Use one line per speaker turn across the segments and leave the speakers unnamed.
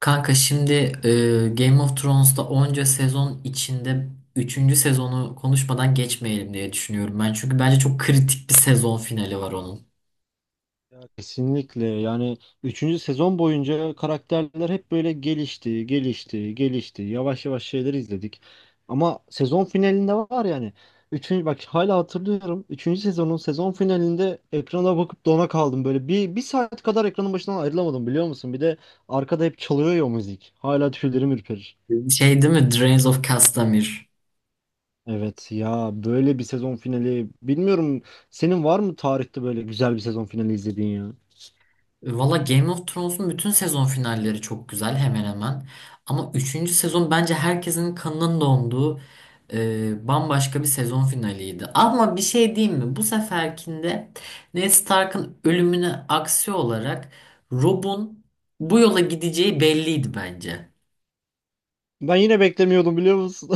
Kanka şimdi Game of Thrones'ta onca sezon içinde üçüncü sezonu konuşmadan geçmeyelim diye düşünüyorum ben. Çünkü bence çok kritik bir sezon finali var onun.
Ya kesinlikle yani üçüncü sezon boyunca karakterler hep böyle gelişti, gelişti, gelişti. Yavaş yavaş şeyleri izledik. Ama sezon finalinde var yani. Üçüncü, bak hala hatırlıyorum. Üçüncü sezonun sezon finalinde ekrana bakıp dona kaldım. Böyle bir saat kadar ekranın başından ayrılamadım biliyor musun? Bir de arkada hep çalıyor ya o müzik. Hala tüylerim ürperir.
Şey değil mi? Drains of Castamere.
Evet ya böyle bir sezon finali. Bilmiyorum, senin var mı tarihte böyle güzel bir sezon finali izlediğin ya?
Valla Game of Thrones'un bütün sezon finalleri çok güzel hemen hemen. Ama üçüncü sezon bence herkesin kanının donduğu bambaşka bir sezon finaliydi. Ama bir şey diyeyim mi? Bu seferkinde Ned Stark'ın ölümüne aksi olarak Rob'un bu yola gideceği belliydi bence.
Ben yine beklemiyordum biliyor musun?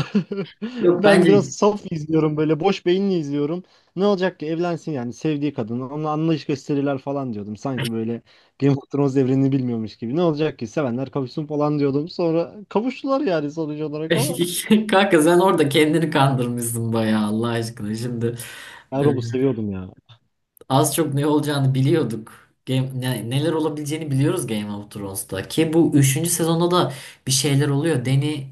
Yok.
Ben biraz
Bence
saf izliyorum, böyle boş beyinli izliyorum. Ne olacak ki evlensin, yani sevdiği kadın onunla anlayış gösterirler falan diyordum. Sanki böyle Game of Thrones evrenini bilmiyormuş gibi. Ne olacak ki sevenler kavuşsun falan diyordum. Sonra kavuştular yani, sonuç olarak. Ama
kanka sen orada kendini kandırmışsın bayağı Allah aşkına şimdi. e,
ben Rob'u seviyordum ya.
Az çok ne olacağını biliyorduk. Neler olabileceğini biliyoruz Game of Thrones'ta. Ki bu üçüncü sezonda da bir şeyler oluyor. Dany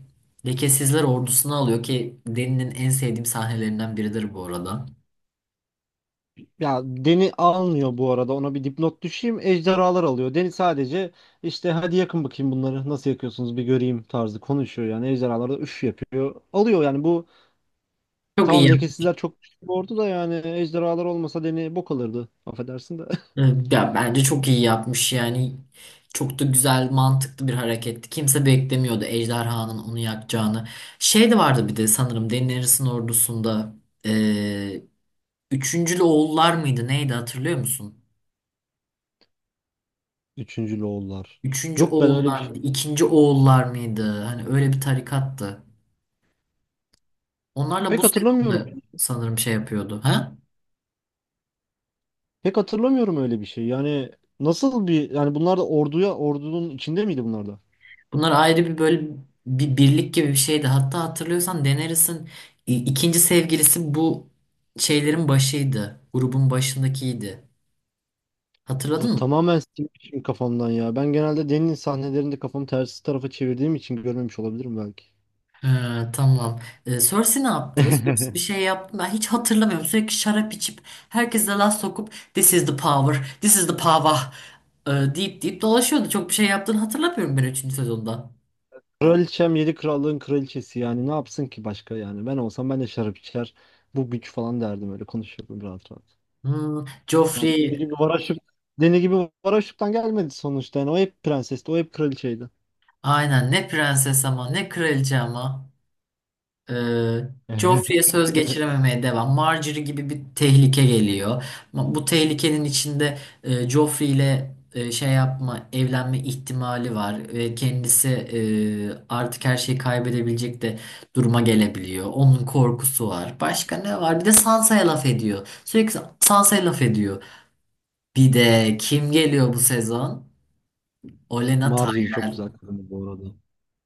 lekesizler ordusunu alıyor ki Dany'nin en sevdiğim sahnelerinden biridir bu arada.
Ya Deni almıyor bu arada, ona bir dipnot düşeyim. Ejderhalar alıyor. Deni sadece işte "hadi yakın bakayım bunları, nasıl yakıyorsunuz bir göreyim" tarzı konuşuyor yani. Ejderhalar da üf yapıyor. Alıyor yani bu.
Çok iyi
Tamam,
yaptı.
lekesizler çok güçlü bir ordu da yani, ejderhalar olmasa Deni bok alırdı. Affedersin de.
Ya, bence çok iyi yapmış yani. Çok da güzel, mantıklı bir hareketti. Kimse beklemiyordu ejderhanın onu yakacağını. Şey de vardı bir de sanırım Daenerys'in ordusunda. eee Üçüncülü oğullar mıydı neydi hatırlıyor musun?
Üçüncü Loğullar.
Üçüncü
Yok, ben öyle bir
oğullar
şey.
mıydı? İkinci oğullar mıydı? Hani öyle bir tarikattı. Onlarla
Pek
bu
hatırlamıyorum.
sezonda sanırım şey yapıyordu. Ha?
Pek hatırlamıyorum öyle bir şey. Yani nasıl bir, yani bunlar da orduya, ordunun içinde miydi bunlar da?
Bunlar ayrı bir böyle bir birlik gibi bir şeydi. Hatta hatırlıyorsan Daenerys'in ikinci sevgilisi bu şeylerin başıydı. Grubun başındakiydi.
Aa,
Hatırladın mı?
tamamen silmişim kafamdan ya. Ben genelde Deni'nin sahnelerinde kafamı tersi tarafa çevirdiğim için görmemiş olabilirim belki.
Ha, tamam. Cersei ne yaptı? Cersei bir şey yaptı mı? Ben hiç hatırlamıyorum. Sürekli şarap içip herkese laf sokup "This is the power, this is the power" deyip deyip dolaşıyordu. Çok bir şey yaptığını hatırlamıyorum ben üçüncü sezonda.
Kraliçem yedi krallığın kraliçesi, yani ne yapsın ki başka yani. Ben olsam ben de şarap içer, bu güç falan derdim, öyle konuşurdum rahat rahat.
Hmm,
Yani deli
Joffrey
gibi Varaşık, deli gibi Varaşık'tan gelmedi sonuçta. Yani o hep prensesti, o hep kraliçeydi.
aynen, ne prenses ama, ne kraliçe ama. Ee, Joffrey'e söz geçirememeye devam. Margaery gibi bir tehlike geliyor. Bu tehlikenin içinde Joffrey ile şey yapma, evlenme ihtimali var ve kendisi artık her şeyi kaybedebilecek de duruma gelebiliyor. Onun korkusu var. Başka ne var? Bir de Sansa'ya laf ediyor. Sürekli Sansa'ya laf ediyor. Bir de kim geliyor bu sezon? Olenna
Margaery çok
Tyrell.
güzel kadındı bu arada.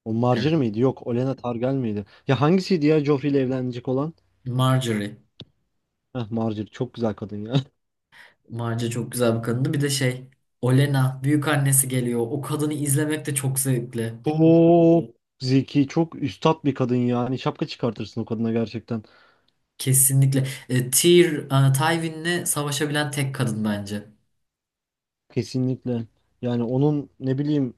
O
Evet.
Margaery miydi? Yok, Olenna Targaryen miydi? Ya hangisiydi ya Joffrey ile evlenecek olan?
Margaery.
Heh, Margaery çok güzel kadın ya.
Marca çok güzel bir kadındı. Bir de şey, Olena büyük annesi geliyor. O kadını izlemek de çok zevkli.
Çok zeki, çok üstat bir kadın ya. Hani şapka çıkartırsın o kadına gerçekten.
Kesinlikle. Tywin'le savaşabilen tek kadın bence.
Kesinlikle. Yani onun ne bileyim,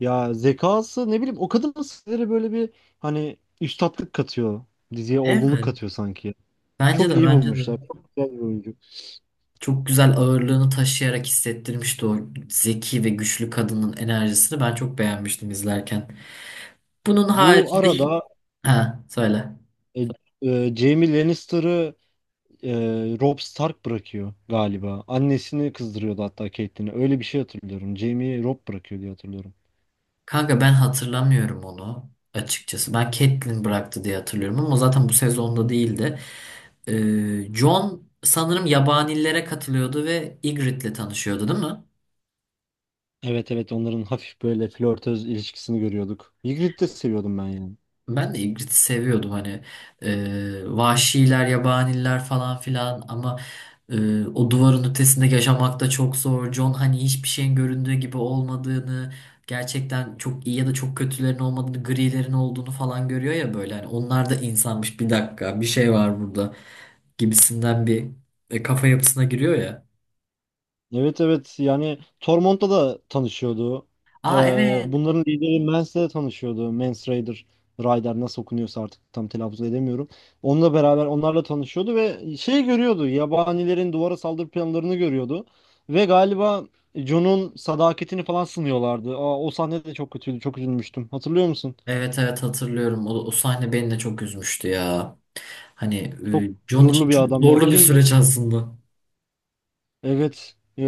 ya zekası, ne bileyim, o kadın sizlere böyle bir, hani üstatlık katıyor. Diziye olgunluk
Evet.
katıyor sanki.
Bence de
Çok iyi
bence de.
bulmuşlar. Çok güzel bir oyuncu.
Çok güzel ağırlığını taşıyarak hissettirmişti o zeki ve güçlü kadının enerjisini. Ben çok beğenmiştim izlerken. Bunun
Bu
haricinde...
arada,
Ha, söyle.
e, Jaime Lannister'ı e, Robb Stark bırakıyor galiba. Annesini kızdırıyordu hatta, Catelyn'e. Öyle bir şey hatırlıyorum. Jaime'yi Robb bırakıyor diye hatırlıyorum.
Kanka ben hatırlamıyorum onu açıkçası. Ben Catelyn bıraktı diye hatırlıyorum ama zaten bu sezonda değildi. Jon sanırım yabanillere katılıyordu ve Ygritte'le tanışıyordu değil mi?
Evet evet, onların hafif böyle flörtöz ilişkisini görüyorduk. Ygritte'i de seviyordum ben yani.
Ben de Ygritte'i seviyordum hani. Vahşiler, yabaniller falan filan ama. O duvarın ötesinde yaşamak da çok zor. John hani hiçbir şeyin göründüğü gibi olmadığını, gerçekten çok iyi ya da çok kötülerin olmadığını, grilerin olduğunu falan görüyor ya böyle. Hani onlar da insanmış, bir dakika bir şey var burada gibisinden bir kafa yapısına giriyor ya.
Evet evet, yani Tormont'ta da tanışıyordu. Ee,
Aa, evet.
Bunların lideri Mans'le de tanışıyordu. Mans Raider, Ryder nasıl okunuyorsa artık, tam telaffuz edemiyorum. Onunla beraber, onlarla tanışıyordu ve şey görüyordu. Yabanilerin duvara saldırı planlarını görüyordu. Ve galiba Jon'un sadakatini falan sınıyorlardı. Aa, o sahne de çok kötüydü. Çok üzülmüştüm. Hatırlıyor musun?
Evet, evet hatırlıyorum. O, sahne beni de çok üzmüştü ya. Hani
Çok
John için
gururlu bir
çok
adam ya.
zorlu bir
Kim.
süreç aslında.
Evet.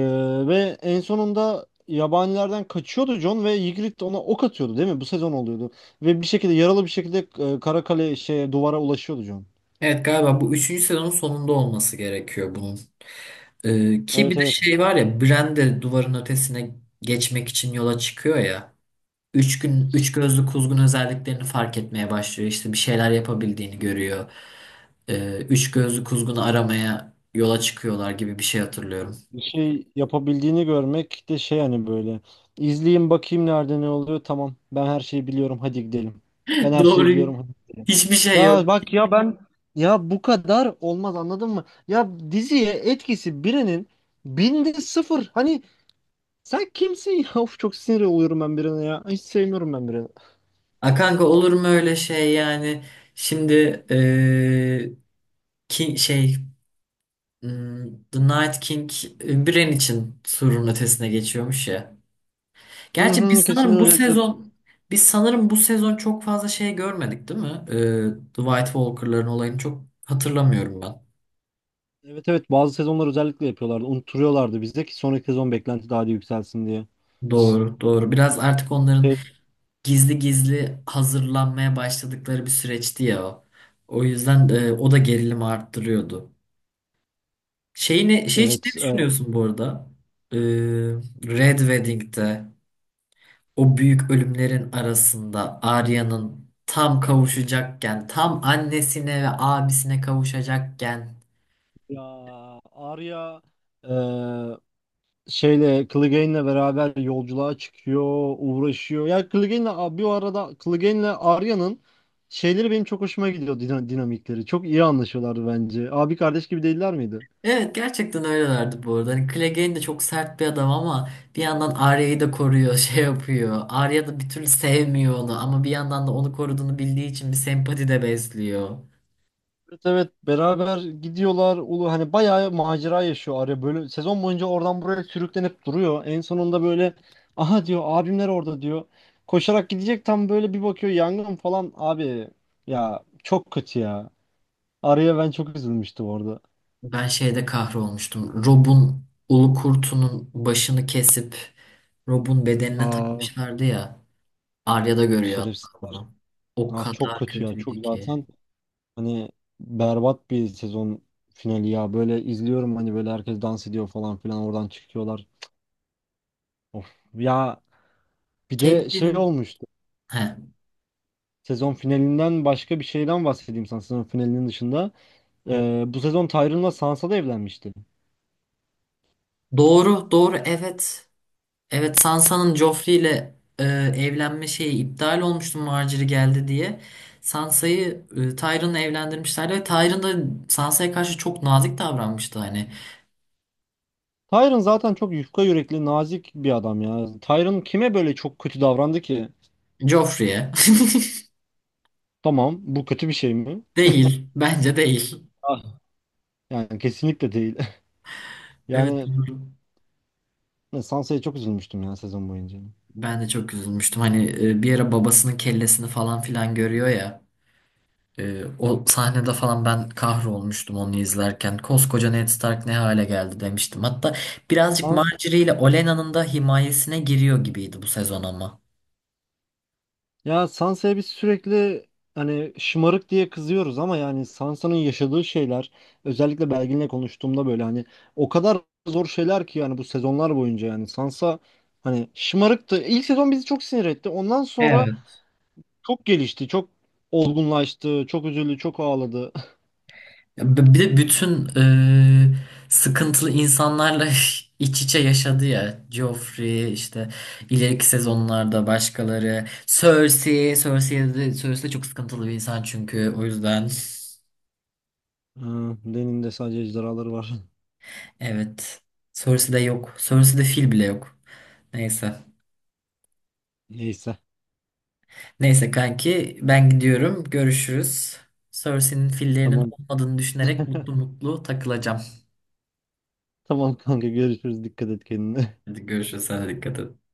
Ve en sonunda yabanilerden kaçıyordu John, ve Ygritte ona ok atıyordu değil mi? Bu sezon oluyordu. Ve bir şekilde, yaralı bir şekilde, Karakale, şey, duvara ulaşıyordu John.
Evet galiba bu üçüncü sezonun sonunda olması gerekiyor bunun. Ki
Evet
bir de
evet.
şey var ya, Brande duvarın ötesine geçmek için yola çıkıyor ya. Üç gün üç gözlü kuzgun özelliklerini fark etmeye başlıyor. İşte bir şeyler yapabildiğini görüyor. Üç gözlü kuzgunu aramaya yola çıkıyorlar gibi bir şey hatırlıyorum.
Bir şey yapabildiğini görmek de şey hani, böyle. İzleyeyim bakayım nerede ne oluyor. Tamam. Ben her şeyi biliyorum. Hadi gidelim. Ben her şeyi
Doğru.
biliyorum. Hadi.
Hiçbir şey yok.
Ya bak ya, ben, ya bu kadar olmaz anladın mı? Ya diziye etkisi birinin binde sıfır. Hani, sen kimsin ya? Of, çok sinir oluyorum ben birine ya. Hiç sevmiyorum ben birini.
A kanka, olur mu öyle şey yani? Şimdi ki şey hmm, The Night King Bran için surun ötesine geçiyormuş ya.
Hı
Gerçi
hı,
biz
kesin
sanırım bu
öyledir.
sezon biz sanırım bu sezon çok fazla şey görmedik değil mi? Dwight Walker'ların olayını çok hatırlamıyorum ben.
Evet evet, bazı sezonlar özellikle yapıyorlardı. Unutturuyorlardı bize ki sonraki sezon beklenti daha da yükselsin diye.
Doğru, doğru. Biraz artık onların
E.
gizli gizli hazırlanmaya başladıkları bir süreçti ya o. O yüzden o da gerilimi arttırıyordu. Şeyini, şey için ne
Evet.
düşünüyorsun bu arada? Ee, Red Wedding'de o büyük ölümlerin arasında Arya'nın tam kavuşacakken, tam annesine ve abisine kavuşacakken.
Ya Arya, e, şeyle, Clegane'le beraber yolculuğa çıkıyor, uğraşıyor. Ya Clegane'le bir arada Clegane'le Arya'nın şeyleri benim çok hoşuma gidiyor, dinamikleri. Çok iyi anlaşıyorlardı bence. Abi kardeş gibi değiller miydi?
Evet gerçekten öylelerdi bu arada. Hani Clegane de çok sert bir adam ama bir yandan Arya'yı da koruyor, şey yapıyor. Arya da bir türlü sevmiyor onu ama bir yandan da onu koruduğunu bildiği için bir sempati de besliyor.
Evet evet, beraber gidiyorlar. Ulu, hani bayağı macera yaşıyor Araya, böyle sezon boyunca oradan buraya sürüklenip duruyor. En sonunda böyle "aha" diyor, "abimler orada" diyor. Koşarak gidecek, tam böyle bir bakıyor yangın falan. Abi ya, çok kötü ya. Araya, ben çok üzülmüştüm orada.
Ben şeyde kahrolmuştum. Rob'un ulu kurtunun başını kesip Rob'un bedenine
Aa.
takmışlardı ya. Arya da görüyor
Şerefsiz.
hatta bunu. O
Ah çok
kadar
kötü ya. Çok
kötüydü ki.
zaten, hani berbat bir sezon finali ya. Böyle izliyorum, hani böyle herkes dans ediyor falan filan, oradan çıkıyorlar. Of. Ya, bir de şey
Catelyn'in,
olmuştu.
he.
Sezon finalinden başka bir şeyden bahsedeyim sana, sezon finalinin dışında. Bu sezon Tyron'la Sansa da evlenmişti.
Doğru, doğru, evet. Evet Sansa'nın Joffrey ile evlenme şeyi iptal olmuştu Margaery geldi diye. Sansa'yı Tyrion'la evlendirmişlerdi ve Tyrion da Sansa'ya karşı çok nazik davranmıştı hani.
Tyron zaten çok yufka yürekli, nazik bir adam ya. Tyron kime böyle çok kötü davrandı ki?
Joffrey'e.
Tamam, bu kötü bir şey mi?
Değil. Bence değil.
Ah. Yani kesinlikle değil.
Evet
Yani
doğru.
Sansa'ya çok üzülmüştüm ya sezon boyunca.
Ben de çok üzülmüştüm. Hani bir ara babasının kellesini falan filan görüyor ya. O sahnede falan ben kahrolmuştum onu izlerken. Koskoca Ned Stark ne hale geldi demiştim. Hatta birazcık Margaery ile Olenna'nın da himayesine giriyor gibiydi bu sezon ama.
Ya Sansa'ya biz sürekli hani şımarık diye kızıyoruz ama, yani Sansa'nın yaşadığı şeyler, özellikle Belgin'le konuştuğumda böyle hani, o kadar zor şeyler ki yani, bu sezonlar boyunca yani Sansa, hani şımarıktı. İlk sezon bizi çok sinir etti. Ondan sonra
Evet.
çok gelişti, çok olgunlaştı, çok üzüldü, çok ağladı.
Bir de bütün e, sıkıntılı insanlarla iç içe yaşadı ya. Joffrey işte, ileriki sezonlarda başkaları. Cersei, Cersei de çok sıkıntılı bir insan çünkü o yüzden.
Ha, Deni'nin de sadece ejderhaları var.
Evet. Cersei de yok. Cersei de fil bile yok. Neyse.
Neyse.
Neyse kanki, ben gidiyorum. Görüşürüz. Cersei'nin fillerinin
Tamam.
olmadığını düşünerek mutlu mutlu takılacağım.
Tamam kanka, görüşürüz. Dikkat et kendine.
Hadi görüşürüz. Sana dikkat et.